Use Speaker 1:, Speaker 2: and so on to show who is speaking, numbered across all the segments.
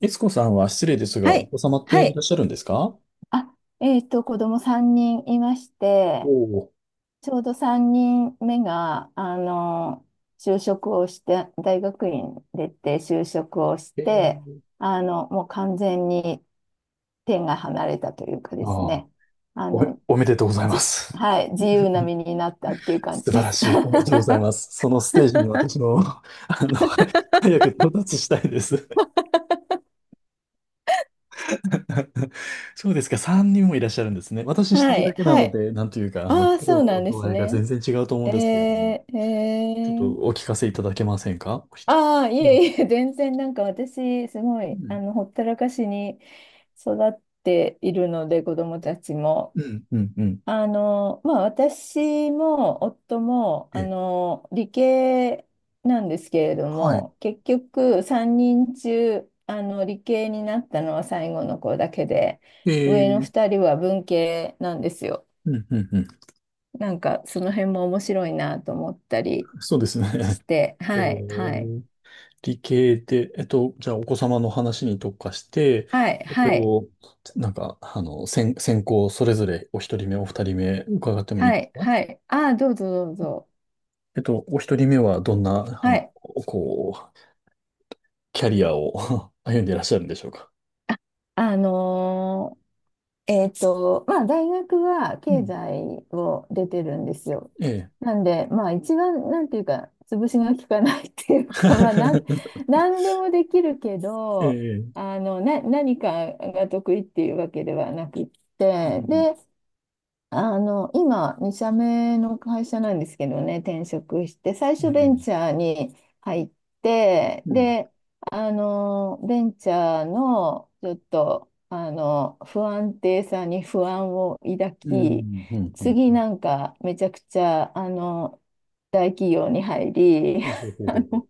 Speaker 1: いつこさんは失礼ですが、
Speaker 2: は
Speaker 1: お
Speaker 2: い。
Speaker 1: 子様って
Speaker 2: は
Speaker 1: いらっ
Speaker 2: い。
Speaker 1: しゃるんですか？
Speaker 2: あ、子供3人いまし
Speaker 1: お
Speaker 2: て、
Speaker 1: お
Speaker 2: ちょうど3人目が、就職をして、大学院出て就職をし
Speaker 1: ー。
Speaker 2: て、もう完全に手が離れたというかです
Speaker 1: ああ、
Speaker 2: ね、あの、
Speaker 1: おめでとうございま
Speaker 2: じ、
Speaker 1: す。
Speaker 2: はい、自由な身になったっていう 感じ
Speaker 1: 素晴
Speaker 2: で
Speaker 1: ら
Speaker 2: す。
Speaker 1: しい。おめでとうご ざいます。そのステージに私の、の、早く到達したいです。そうですか。3人もいらっしゃるんですね。私一
Speaker 2: は
Speaker 1: 人だ
Speaker 2: い。
Speaker 1: けな
Speaker 2: は
Speaker 1: の
Speaker 2: い。
Speaker 1: で、なんというか、
Speaker 2: ああ、
Speaker 1: 苦
Speaker 2: そ
Speaker 1: 労
Speaker 2: うな
Speaker 1: の
Speaker 2: んで
Speaker 1: 度
Speaker 2: す
Speaker 1: 合いが
Speaker 2: ね。
Speaker 1: 全然違うと思うん
Speaker 2: え
Speaker 1: ですけれども、
Speaker 2: ー、
Speaker 1: ちょっ
Speaker 2: え
Speaker 1: とお
Speaker 2: ー。
Speaker 1: 聞かせいただけませんか？
Speaker 2: ああ、い
Speaker 1: ええ、
Speaker 2: えいえ、全然なんか私、すご
Speaker 1: う
Speaker 2: い、
Speaker 1: ん、
Speaker 2: ほったらかしに育っているので、子供たちも。
Speaker 1: うん、うん、うん。
Speaker 2: まあ、私も夫も、
Speaker 1: ええ、
Speaker 2: 理系なんですけれど
Speaker 1: はい。
Speaker 2: も、結局、3人中、理系になったのは最後の子だけで、上の
Speaker 1: ええ、
Speaker 2: 2人は文系なんですよ。
Speaker 1: うん、うん、うん。
Speaker 2: なんか、その辺も面白いなと思ったり
Speaker 1: そうですね。
Speaker 2: し て、
Speaker 1: ええ。
Speaker 2: はい、はい、
Speaker 1: 理系で、じゃあお子様の話に特化して、
Speaker 2: はい、
Speaker 1: えっ
Speaker 2: はい。
Speaker 1: と、なんか、先行それぞれお一人目、お二人目伺ってもいい
Speaker 2: は
Speaker 1: です
Speaker 2: い、
Speaker 1: か？
Speaker 2: はい。ああ、どうぞどうぞ。
Speaker 1: お一人目はどんな、
Speaker 2: はい。
Speaker 1: こう、キャリアを 歩んでいらっしゃるんでしょうか？
Speaker 2: あのーまあ、大学は
Speaker 1: う
Speaker 2: 経
Speaker 1: ん。
Speaker 2: 済を出てるんですよ。
Speaker 1: ええ。
Speaker 2: なんで、まあ、一番、なんていうか、潰しが効かないっていうか、まあ、なんでもできるけ
Speaker 1: え
Speaker 2: ど、
Speaker 1: え。
Speaker 2: 何かが得意っていうわけではなくっ
Speaker 1: う
Speaker 2: て、
Speaker 1: ん、うん、
Speaker 2: で、今、2社目の会社なんですけどね、転職して、最初
Speaker 1: え
Speaker 2: ベンチ
Speaker 1: え。
Speaker 2: ャーに入って、
Speaker 1: うん。
Speaker 2: で、ベンチャーのちょっと、不安定さに不安を抱
Speaker 1: う
Speaker 2: き、
Speaker 1: ん。うん。う
Speaker 2: 次
Speaker 1: ん。
Speaker 2: なんかめちゃくちゃ、大企業に入り、
Speaker 1: ほうほう ほうほうほう。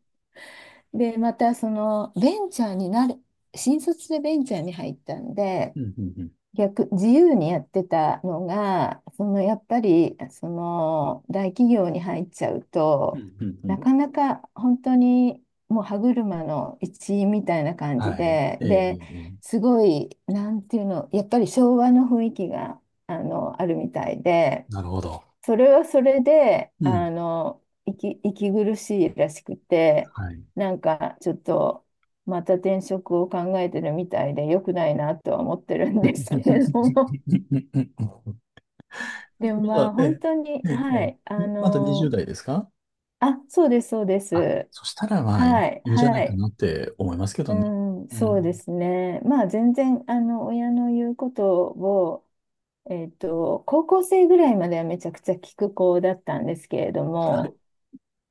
Speaker 2: で、またその、ベンチャーになる、新卒でベンチャーに入ったんで、
Speaker 1: うん。うん。
Speaker 2: 逆、自由にやってたのが、そのやっぱりその大企業に入っちゃう
Speaker 1: うん。
Speaker 2: と、
Speaker 1: うん。うん、うん、
Speaker 2: なかなか本当にもう歯車の一員みたいな感じ
Speaker 1: はい。
Speaker 2: で、
Speaker 1: え
Speaker 2: で、
Speaker 1: え。
Speaker 2: すごい、なんていうの、やっぱり昭和の雰囲気があるみたいで、
Speaker 1: なるほど。
Speaker 2: それはそれで、
Speaker 1: うん。
Speaker 2: 息苦しいらしくて、
Speaker 1: はい。
Speaker 2: なんかちょっと、また転職を考えてるみたいで、良くないなとは思ってるんですけれ
Speaker 1: ま
Speaker 2: ども、でもまあ、
Speaker 1: え
Speaker 2: 本当に、
Speaker 1: え、ええ、
Speaker 2: は
Speaker 1: え
Speaker 2: い、
Speaker 1: え、まだ20代ですか？
Speaker 2: あ、そうです、そうで
Speaker 1: あ、
Speaker 2: す。
Speaker 1: そしたらまあ、いい
Speaker 2: はい、
Speaker 1: いいんじゃな
Speaker 2: は
Speaker 1: いか
Speaker 2: い、
Speaker 1: なって思いますけど
Speaker 2: う
Speaker 1: ね。
Speaker 2: ん、
Speaker 1: う
Speaker 2: そうで
Speaker 1: ん。
Speaker 2: すね。まあ、全然、親の言うことを、高校生ぐらいまではめちゃくちゃ聞く子だったんですけれども、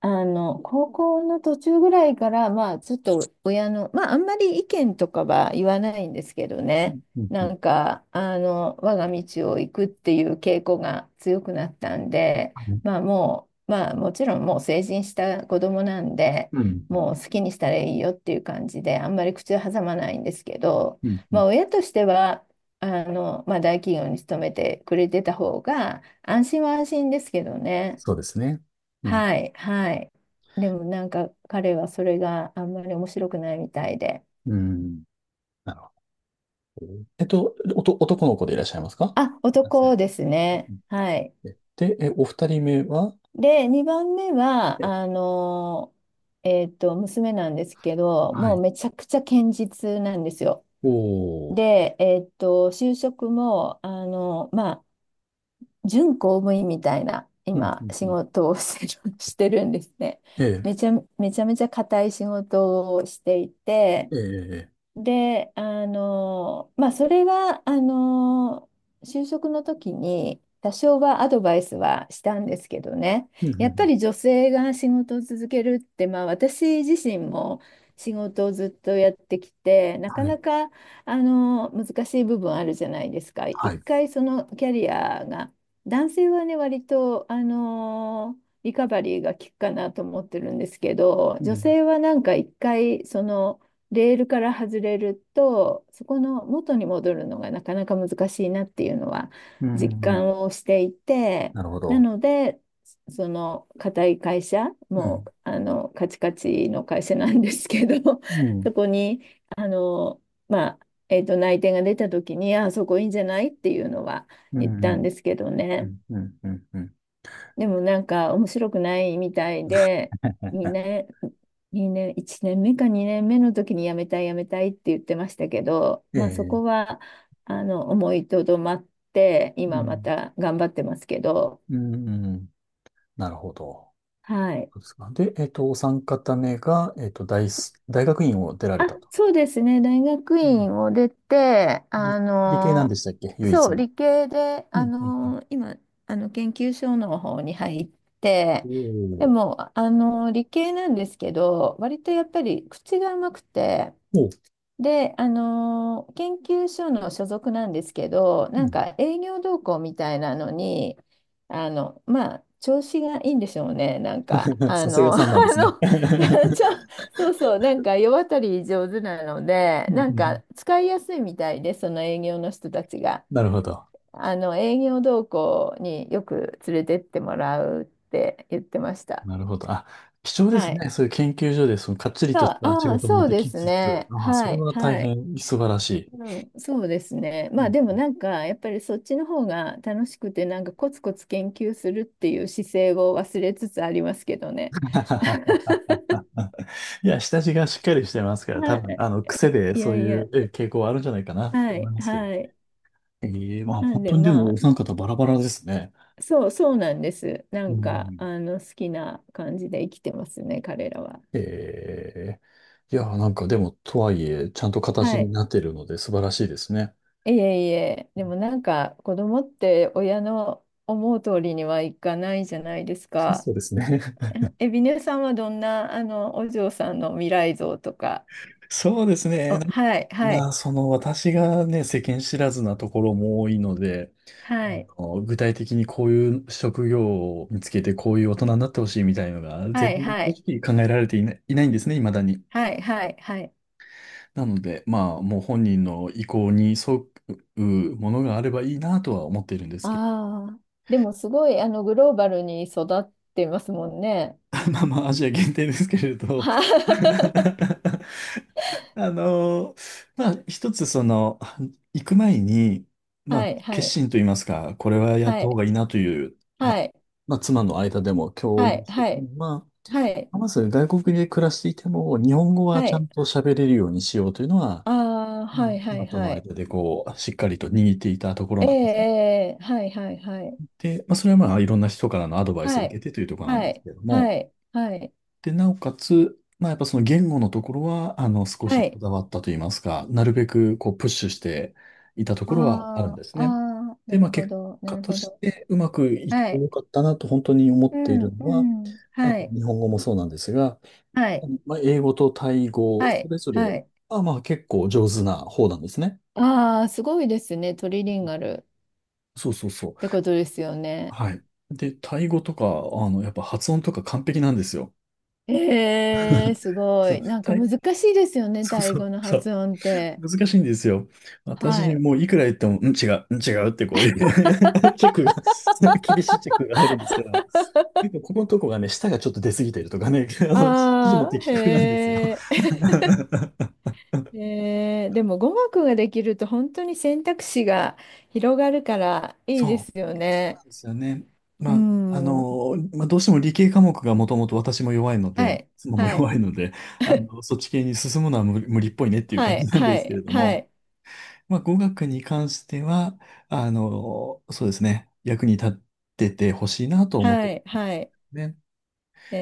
Speaker 2: 高校の途中ぐらいから、まあ、ちょっと親の、まあ、あんまり意見とかは言わないんですけどね、
Speaker 1: うん、う
Speaker 2: な
Speaker 1: ん、
Speaker 2: んか、我が道を行くっていう傾向が強くなったんで、
Speaker 1: はい。
Speaker 2: まあ、もう、まあ、もちろんもう成人した子供なんで、
Speaker 1: うん、
Speaker 2: もう好きにしたらいいよっていう感じで、あんまり口を挟まないんですけど、
Speaker 1: うん、う
Speaker 2: まあ、
Speaker 1: ん。
Speaker 2: 親としては、まあ、大企業に勤めてくれてた方が、安心は安心ですけどね。
Speaker 1: そうですね。うん、
Speaker 2: はい、はい。でもなんか彼はそれがあんまり面白くないみたいで。
Speaker 1: うん。なるほど。男の子でいらっしゃいますか？
Speaker 2: あ、
Speaker 1: 男性。
Speaker 2: 男です
Speaker 1: う
Speaker 2: ね。
Speaker 1: ん。
Speaker 2: はい。
Speaker 1: え、で、え、お二人目は？
Speaker 2: で、2番目は、
Speaker 1: え、
Speaker 2: 娘なんですけど、
Speaker 1: は
Speaker 2: もう
Speaker 1: い。
Speaker 2: めちゃくちゃ堅実なんですよ。
Speaker 1: おー。
Speaker 2: で、就職も、まあ、準公務員みたいな、
Speaker 1: うん、う
Speaker 2: 今、
Speaker 1: ん、う
Speaker 2: 仕
Speaker 1: ん。
Speaker 2: 事をしてる、してるんですね。
Speaker 1: え
Speaker 2: め
Speaker 1: え、
Speaker 2: ちゃめちゃめちゃ固い仕事をしていて、
Speaker 1: ええ、ええ、
Speaker 2: で、まあ、それは、就職の時に多少はアドバイスはしたんですけどね、
Speaker 1: うん、うん、う
Speaker 2: やっぱ
Speaker 1: ん。
Speaker 2: り女性が仕事を続けるって、まあ、私自身も仕事をずっとやってきて、なか
Speaker 1: は
Speaker 2: な
Speaker 1: い、
Speaker 2: か、難しい部分あるじゃないですか。
Speaker 1: は
Speaker 2: 一
Speaker 1: い。
Speaker 2: 回そのキャリアが、男性はね、割と、リカバリーが効くかなと思ってるんですけど、
Speaker 1: う
Speaker 2: 女
Speaker 1: ん、
Speaker 2: 性はなんか一回、その、レールから外れると、そこの元に戻るのがなかなか難しいなっていうのは
Speaker 1: うん、うん、うん、はい、
Speaker 2: 実
Speaker 1: はい、うん、うん、
Speaker 2: 感をしていて、
Speaker 1: なるほ
Speaker 2: な
Speaker 1: ど。
Speaker 2: ので、その固い会社、
Speaker 1: う
Speaker 2: も
Speaker 1: ん。
Speaker 2: うあのカチカチの会社なんですけど、
Speaker 1: う ん。
Speaker 2: そこにあの、まあ内定が出た時に、あ、そこいいんじゃないっていうのは
Speaker 1: う
Speaker 2: 言っ
Speaker 1: ん。う
Speaker 2: たん
Speaker 1: ん。
Speaker 2: ですけど
Speaker 1: う
Speaker 2: ね。
Speaker 1: ん。うん。うん、うん、
Speaker 2: でもなんか面白くないみたいで、2年、2年、1年目か2年目の時に辞めたい辞めたいって言ってましたけど、
Speaker 1: え
Speaker 2: まあそこ
Speaker 1: え。
Speaker 2: は思いとどまって、
Speaker 1: う
Speaker 2: 今ま
Speaker 1: ん。
Speaker 2: た頑張ってますけど、
Speaker 1: うん。うん。なるほど。
Speaker 2: はい。
Speaker 1: そうですか。で、お三方目が、大学院を出ら
Speaker 2: あ、
Speaker 1: れたと。
Speaker 2: そうですね。大学
Speaker 1: うん。
Speaker 2: 院を出て、
Speaker 1: 理系なんでしたっけ、唯一
Speaker 2: そう、
Speaker 1: の？
Speaker 2: 理系で、
Speaker 1: うん。うん。うん、
Speaker 2: 今、研究所の方に入っ
Speaker 1: お
Speaker 2: て、で
Speaker 1: ー
Speaker 2: も、理系なんですけど、割とやっぱり口が甘くて、
Speaker 1: おー。
Speaker 2: で、研究所の所属なんですけど、
Speaker 1: う
Speaker 2: なん
Speaker 1: ん。
Speaker 2: か営業同行みたいなのに、まあ、調子がいいんでしょうね。なんか、
Speaker 1: さすがさんなんですね。
Speaker 2: の、
Speaker 1: う
Speaker 2: ちょ、そうそう、なんか世渡り上手なので、
Speaker 1: ん、うん、
Speaker 2: なん
Speaker 1: うん、
Speaker 2: か使いやすいみたいで、その営業の人たちが。
Speaker 1: なるほど。
Speaker 2: 営業同行によく連れてってもらうって言ってました。
Speaker 1: なるほど。あ、貴重で
Speaker 2: は
Speaker 1: す
Speaker 2: い。
Speaker 1: ね。そういう研究所で、その、かっちり
Speaker 2: そ
Speaker 1: とし
Speaker 2: う、
Speaker 1: た仕
Speaker 2: ああ、
Speaker 1: 事も
Speaker 2: そう
Speaker 1: で
Speaker 2: で
Speaker 1: き
Speaker 2: す
Speaker 1: つつ、
Speaker 2: ね。
Speaker 1: ああ、そ
Speaker 2: は
Speaker 1: れ
Speaker 2: い、
Speaker 1: は大
Speaker 2: はい。
Speaker 1: 変素晴らしい。
Speaker 2: うん、そうですね。
Speaker 1: う
Speaker 2: まあ
Speaker 1: ん。
Speaker 2: でもなんかやっぱりそっちの方が楽しくてなんかコツコツ研究するっていう姿勢を忘れつつありますけどね。
Speaker 1: いや、下地がしっかりしてますから、多
Speaker 2: は
Speaker 1: 分、癖
Speaker 2: い。
Speaker 1: で
Speaker 2: い
Speaker 1: そ
Speaker 2: や
Speaker 1: う
Speaker 2: い
Speaker 1: い
Speaker 2: や。
Speaker 1: う傾向はあるんじゃないかなって
Speaker 2: は
Speaker 1: 思
Speaker 2: い。
Speaker 1: いますけど。
Speaker 2: はい。
Speaker 1: ええ。まあ
Speaker 2: なん
Speaker 1: 本
Speaker 2: で
Speaker 1: 当に、で
Speaker 2: ま
Speaker 1: もお
Speaker 2: あ
Speaker 1: 三方バラバラですね。
Speaker 2: そうそうなんです。な
Speaker 1: う
Speaker 2: んか
Speaker 1: ん。
Speaker 2: 好きな感じで生きてますね彼らは。
Speaker 1: ええ。いや、なんかでも、とはいえ、ちゃんと形
Speaker 2: は
Speaker 1: に
Speaker 2: い。
Speaker 1: なっているので素晴らしいですね。
Speaker 2: いえいえ。でもなんか子供って親の思う通りにはいかないじゃないです か。
Speaker 1: そうですね。
Speaker 2: え、ビネさんはどんな、お嬢さんの未来像とか、
Speaker 1: そうですね。
Speaker 2: はい、はい、
Speaker 1: その私がね、世間知らずなところも多いので、あ
Speaker 2: はい、
Speaker 1: 具体的にこういう職業を見つけて、こういう大人になってほしいみたいのが、
Speaker 2: は
Speaker 1: 全
Speaker 2: い、
Speaker 1: 然
Speaker 2: は
Speaker 1: 正
Speaker 2: い、
Speaker 1: 直考えられていないんですね、未だに。
Speaker 2: はい、はい、はい。
Speaker 1: なので、まあ、もう本人の意向に沿うものがあればいいなとは思っているんですけど、
Speaker 2: ああ、でもすごいグローバルに育ってますもんね。
Speaker 1: まあまあ、アジア限定ですけれど。
Speaker 2: は
Speaker 1: あのーまあ、一つその、行く前に、まあ、
Speaker 2: はい、は
Speaker 1: 決
Speaker 2: い、
Speaker 1: 心と言いますか、これはやっ
Speaker 2: は
Speaker 1: た方
Speaker 2: い、
Speaker 1: がいいなという、ま
Speaker 2: は
Speaker 1: あ、
Speaker 2: い、
Speaker 1: まあ、妻の間でも共
Speaker 2: は
Speaker 1: 有
Speaker 2: い、
Speaker 1: してい
Speaker 2: は
Speaker 1: く
Speaker 2: い、
Speaker 1: のは、
Speaker 2: はい、
Speaker 1: まず外国で暮らしていても、日本語は
Speaker 2: は
Speaker 1: ちゃん
Speaker 2: い、
Speaker 1: と喋れるようにしようというのは、
Speaker 2: ああ、
Speaker 1: う
Speaker 2: はい、
Speaker 1: ん、
Speaker 2: は
Speaker 1: 妻
Speaker 2: い、
Speaker 1: と
Speaker 2: は
Speaker 1: の
Speaker 2: い、
Speaker 1: 間でこう、しっかりと握っていたところ
Speaker 2: ええ、
Speaker 1: なんですね。
Speaker 2: ええはい、はい、はい、
Speaker 1: で、まあ、それはまあ、いろんな人からのアドバイスを
Speaker 2: は
Speaker 1: 受け
Speaker 2: い、
Speaker 1: てというところなん
Speaker 2: は
Speaker 1: です
Speaker 2: い、
Speaker 1: けれども、
Speaker 2: はい、はい、
Speaker 1: で、なおかつ、まあ、やっぱその言語のところは、少
Speaker 2: は
Speaker 1: しこ
Speaker 2: い、
Speaker 1: だわったといいますか、なるべく、こう、プッシュしていたと
Speaker 2: あ
Speaker 1: ころはあるんです
Speaker 2: あ、
Speaker 1: ね。
Speaker 2: ああ、
Speaker 1: で、
Speaker 2: な
Speaker 1: ま
Speaker 2: る
Speaker 1: あ、
Speaker 2: ほ
Speaker 1: 結
Speaker 2: ど、な
Speaker 1: 果
Speaker 2: る
Speaker 1: と
Speaker 2: ほ
Speaker 1: し
Speaker 2: ど。
Speaker 1: て、うまくいっ
Speaker 2: は
Speaker 1: て
Speaker 2: い。
Speaker 1: よかったなと本当に思っ
Speaker 2: う
Speaker 1: ている
Speaker 2: ん、
Speaker 1: の
Speaker 2: う
Speaker 1: は、
Speaker 2: ん。はい。
Speaker 1: 日本語もそうなんですが、
Speaker 2: はい。
Speaker 1: まあ、英語とタイ語、
Speaker 2: は
Speaker 1: そ
Speaker 2: い。
Speaker 1: れぞれ、
Speaker 2: はい。
Speaker 1: まあまあ、結構上手な方なんですね。
Speaker 2: ああ、すごいですね。トリリンガルっ
Speaker 1: そうそうそう。
Speaker 2: てことですよね。
Speaker 1: はい。で、タイ語とか、やっぱ発音とか完璧なんですよ。
Speaker 2: ええ、すご
Speaker 1: そ
Speaker 2: い。
Speaker 1: う、
Speaker 2: なんか
Speaker 1: タイ、
Speaker 2: 難しいですよね。
Speaker 1: そう
Speaker 2: タイ
Speaker 1: そう、
Speaker 2: 語の
Speaker 1: そう。
Speaker 2: 発音って。
Speaker 1: 難しいんですよ。
Speaker 2: は
Speaker 1: 私、
Speaker 2: い。
Speaker 1: もういくら言っても、うん、違う、うん、違うってこういう チェックが、厳しいチェックが入るんですけど、結構ここのとこがね、舌がちょっと出過ぎてるとかね、指示も
Speaker 2: ああ、
Speaker 1: 的確なんですよ。
Speaker 2: へえ。でも語学ができると本当に選択肢が広がるからいいで
Speaker 1: そう。
Speaker 2: すよ
Speaker 1: そうな
Speaker 2: ね。
Speaker 1: んですよね。
Speaker 2: う
Speaker 1: まあ、
Speaker 2: ん。
Speaker 1: まあ、どうしても理系科目がもともと私も弱いの
Speaker 2: は
Speaker 1: で、
Speaker 2: い。
Speaker 1: 妻も
Speaker 2: はい。
Speaker 1: 弱いので、そっち系に進むのは無理っぽいねっていう
Speaker 2: は
Speaker 1: 感じ
Speaker 2: い。
Speaker 1: なんで
Speaker 2: は
Speaker 1: すけれ
Speaker 2: い。
Speaker 1: ど
Speaker 2: は
Speaker 1: も、
Speaker 2: い。
Speaker 1: まあ、語学に関しては、そうですね、役に立っててほしいなと思って
Speaker 2: は
Speaker 1: る
Speaker 2: い。
Speaker 1: のが
Speaker 2: はい。
Speaker 1: ね。
Speaker 2: え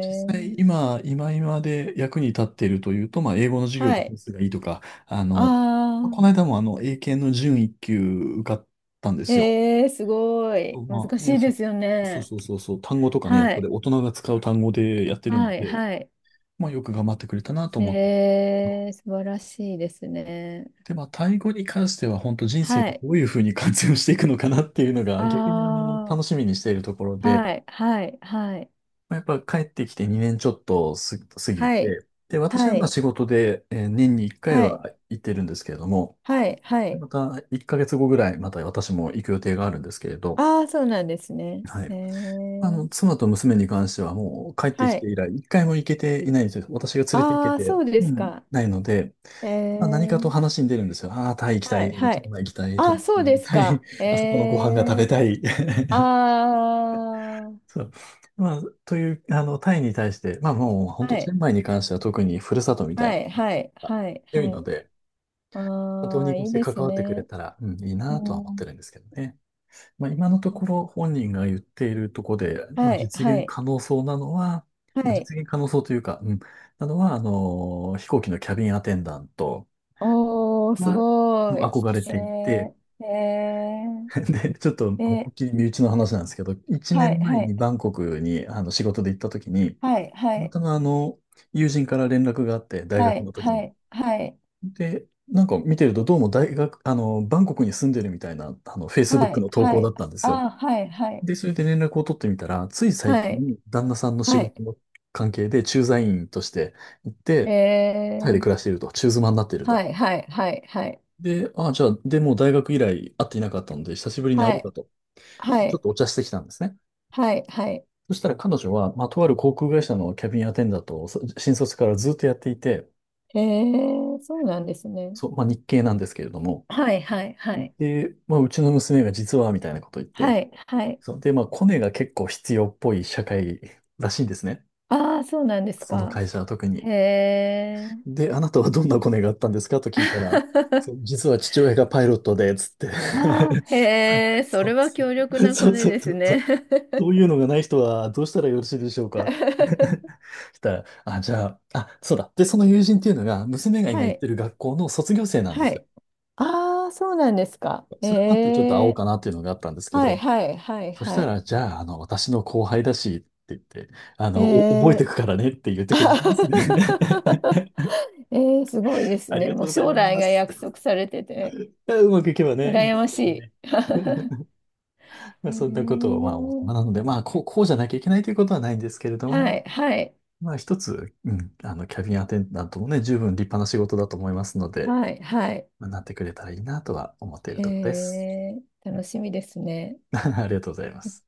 Speaker 1: 実際、
Speaker 2: ー
Speaker 1: 今、今で役に立っているというと、まあ、英語の授業
Speaker 2: は
Speaker 1: で点
Speaker 2: い。
Speaker 1: 数がいいとか、あの、この
Speaker 2: あ
Speaker 1: 間も英検の準一級受かったんで
Speaker 2: あ、
Speaker 1: すよ。
Speaker 2: えー、すごい。
Speaker 1: ま
Speaker 2: 難
Speaker 1: あ
Speaker 2: し
Speaker 1: ね、
Speaker 2: いですよ
Speaker 1: そう
Speaker 2: ね。
Speaker 1: そうそうそう、単語とかね、やっ
Speaker 2: は
Speaker 1: ぱり
Speaker 2: い。
Speaker 1: 大人が使う単語でやってるの
Speaker 2: はい、
Speaker 1: で、
Speaker 2: はい。
Speaker 1: まあ、よく頑張ってくれたなと思って。
Speaker 2: 素晴らしいですね。
Speaker 1: で、まあ、タイ語に関しては、本当人生
Speaker 2: は
Speaker 1: で
Speaker 2: い。
Speaker 1: どういうふうに活用していくのかなっていうのが、逆に
Speaker 2: あ
Speaker 1: 楽しみにしているところ
Speaker 2: あ、
Speaker 1: で、
Speaker 2: はい、はい、はい。
Speaker 1: まあ、やっぱ帰ってきて2年ちょっと過ぎ
Speaker 2: はい、
Speaker 1: て、で、私は
Speaker 2: は
Speaker 1: まあ
Speaker 2: い、
Speaker 1: 仕事で、年に1回
Speaker 2: は
Speaker 1: は
Speaker 2: い、
Speaker 1: 行ってるんですけれども、
Speaker 2: はい、は
Speaker 1: で
Speaker 2: い。
Speaker 1: また1ヶ月後ぐらい、また私も行く予定があるんですけれど、
Speaker 2: ああ、そうなんですね。
Speaker 1: はい。
Speaker 2: えー、
Speaker 1: 妻と娘に関してはもう帰ってき
Speaker 2: はい。
Speaker 1: て以来、1回も行けていないんですよ。私が連れて行け
Speaker 2: ああ、
Speaker 1: て、
Speaker 2: そうで
Speaker 1: う
Speaker 2: す
Speaker 1: ん、
Speaker 2: か。
Speaker 1: ないので、
Speaker 2: え
Speaker 1: まあ、何かと
Speaker 2: ー、
Speaker 1: 話に出るんですよ。ああ、タイ行きた
Speaker 2: はい、
Speaker 1: い、
Speaker 2: は
Speaker 1: チェン
Speaker 2: い。
Speaker 1: マイ行きたい、
Speaker 2: ああ、
Speaker 1: 友達
Speaker 2: そう
Speaker 1: に会
Speaker 2: で
Speaker 1: い
Speaker 2: す
Speaker 1: たい、
Speaker 2: か。え
Speaker 1: あそこのご飯が食べ
Speaker 2: ー、
Speaker 1: たい。
Speaker 2: あ あ、
Speaker 1: そう。まあ、という、タイに対して、まあもう、本
Speaker 2: は
Speaker 1: 当チェ
Speaker 2: い。
Speaker 1: ンマイに関しては特にふるさとみた
Speaker 2: は
Speaker 1: い
Speaker 2: い、はい、
Speaker 1: な、
Speaker 2: はい、
Speaker 1: 強い
Speaker 2: は
Speaker 1: の
Speaker 2: い。
Speaker 1: で、ど当
Speaker 2: あ
Speaker 1: に
Speaker 2: あ、
Speaker 1: こ
Speaker 2: い
Speaker 1: し
Speaker 2: い
Speaker 1: て
Speaker 2: で
Speaker 1: 関
Speaker 2: す
Speaker 1: わってくれ
Speaker 2: ね。
Speaker 1: たら、うん、いい
Speaker 2: う
Speaker 1: なとは思っ
Speaker 2: ん。
Speaker 1: てるんですけどね。まあ、今のところ本人が言っているところで、ま
Speaker 2: は
Speaker 1: あ、
Speaker 2: い、
Speaker 1: 実
Speaker 2: は
Speaker 1: 現
Speaker 2: い、
Speaker 1: 可能そうなのは、
Speaker 2: は
Speaker 1: まあ、
Speaker 2: い。
Speaker 1: 実現可能そうというか、うん、なのは、飛行機のキャビンアテンダント
Speaker 2: おー、す
Speaker 1: は、も
Speaker 2: ご
Speaker 1: う
Speaker 2: い。
Speaker 1: 憧れ
Speaker 2: え
Speaker 1: ていて、
Speaker 2: ー、え
Speaker 1: で、ちょっと、思
Speaker 2: ー、
Speaker 1: いっ
Speaker 2: え
Speaker 1: きり身内の話なんですけど、1
Speaker 2: ー、はい、
Speaker 1: 年前
Speaker 2: は
Speaker 1: に
Speaker 2: い、
Speaker 1: バンコクにあの仕事で行った時に、
Speaker 2: はい、は
Speaker 1: たま
Speaker 2: い、
Speaker 1: たま友人から連絡があって、大
Speaker 2: は
Speaker 1: 学
Speaker 2: い、
Speaker 1: の時の。
Speaker 2: はい、はい、
Speaker 1: で、なんか見てると、どうも大学、バンコクに住んでるみたいな、
Speaker 2: は
Speaker 1: Facebook
Speaker 2: い、
Speaker 1: の投
Speaker 2: は
Speaker 1: 稿だ
Speaker 2: い、
Speaker 1: ったんですよ。
Speaker 2: あー、はい、はい、
Speaker 1: で、それで連絡を取ってみたら、つい最
Speaker 2: はい、
Speaker 1: 近、旦那さんの仕
Speaker 2: はい、
Speaker 1: 事の関係で駐在員として行っ
Speaker 2: え
Speaker 1: て、タイで暮
Speaker 2: ー、
Speaker 1: らしていると、中妻になっている
Speaker 2: は
Speaker 1: と。
Speaker 2: い、はい、はい、はい、
Speaker 1: で、ああ、じゃあ、でもう大学以来会っていなかったので、久しぶりに会お
Speaker 2: は
Speaker 1: うか
Speaker 2: い、
Speaker 1: と、
Speaker 2: は
Speaker 1: ちょっ
Speaker 2: い、
Speaker 1: とお茶してきたんですね。
Speaker 2: はい、はい、
Speaker 1: そしたら彼女は、まあ、とある航空会社のキャビンアテンダントを新卒からずっとやっていて、
Speaker 2: えー、そうなんですね。
Speaker 1: そう、まあ、日系なんですけれども、
Speaker 2: はい、はい、はい、
Speaker 1: で、まあ、うちの娘が実は、みたいなこと言って、
Speaker 2: はい、はい。
Speaker 1: そう、で、まあ、コネが結構必要っぽい社会らしいんですね。
Speaker 2: ああ、そうなんです
Speaker 1: その
Speaker 2: か。
Speaker 1: 会社は特
Speaker 2: へ
Speaker 1: に。
Speaker 2: え。
Speaker 1: で、あなたはどんなコネがあったんですかと聞いたら、そう、実は父親がパイロットで、つって。
Speaker 2: ああ、へえ、そ
Speaker 1: そ
Speaker 2: れ
Speaker 1: う
Speaker 2: は強力なコ
Speaker 1: そう
Speaker 2: ネ
Speaker 1: そう
Speaker 2: で
Speaker 1: そ
Speaker 2: す
Speaker 1: うそ
Speaker 2: ね。
Speaker 1: う。そう いうのがない人はどうしたらよろしいでしょうか？したら、あ、じゃあ、あ、そうだ。で、その友人っていうのが、娘が
Speaker 2: は
Speaker 1: 今行って
Speaker 2: い、
Speaker 1: る学校の卒業生なんで
Speaker 2: は
Speaker 1: すよ。
Speaker 2: い。ああ、そうなんですか。え
Speaker 1: それもあってちょっと会おう
Speaker 2: え、
Speaker 1: かなっていうのがあったんですけ
Speaker 2: はい、
Speaker 1: ど、
Speaker 2: はい、はい、
Speaker 1: そし
Speaker 2: は
Speaker 1: た
Speaker 2: い。
Speaker 1: ら、じゃあ、私の後輩だし、って言って、
Speaker 2: え
Speaker 1: お覚えて
Speaker 2: え。
Speaker 1: くからねって言ってくれるんですね。
Speaker 2: えー、すごいです
Speaker 1: あり
Speaker 2: ね。
Speaker 1: がと
Speaker 2: も
Speaker 1: う
Speaker 2: う
Speaker 1: ござい
Speaker 2: 将来
Speaker 1: ま
Speaker 2: が
Speaker 1: す
Speaker 2: 約
Speaker 1: っ
Speaker 2: 束されてて、
Speaker 1: て。うまくいけばね、いいん
Speaker 2: 羨
Speaker 1: です
Speaker 2: ま
Speaker 1: け
Speaker 2: し
Speaker 1: ど
Speaker 2: い。
Speaker 1: ね。まあ、
Speaker 2: え
Speaker 1: そんなことを、まあ、大人
Speaker 2: ー、
Speaker 1: なので、まあ、こうじゃなきゃいけないということはないんですけれど
Speaker 2: は
Speaker 1: も、
Speaker 2: い、はい、
Speaker 1: まあ、一つ、うん、キャビンアテンダントもね、十分立派な仕事だと思いますので、
Speaker 2: はい、はい。
Speaker 1: なってくれたらいいなとは思っている
Speaker 2: へ
Speaker 1: ところです。
Speaker 2: え、楽しみですね。
Speaker 1: ありがとうございます。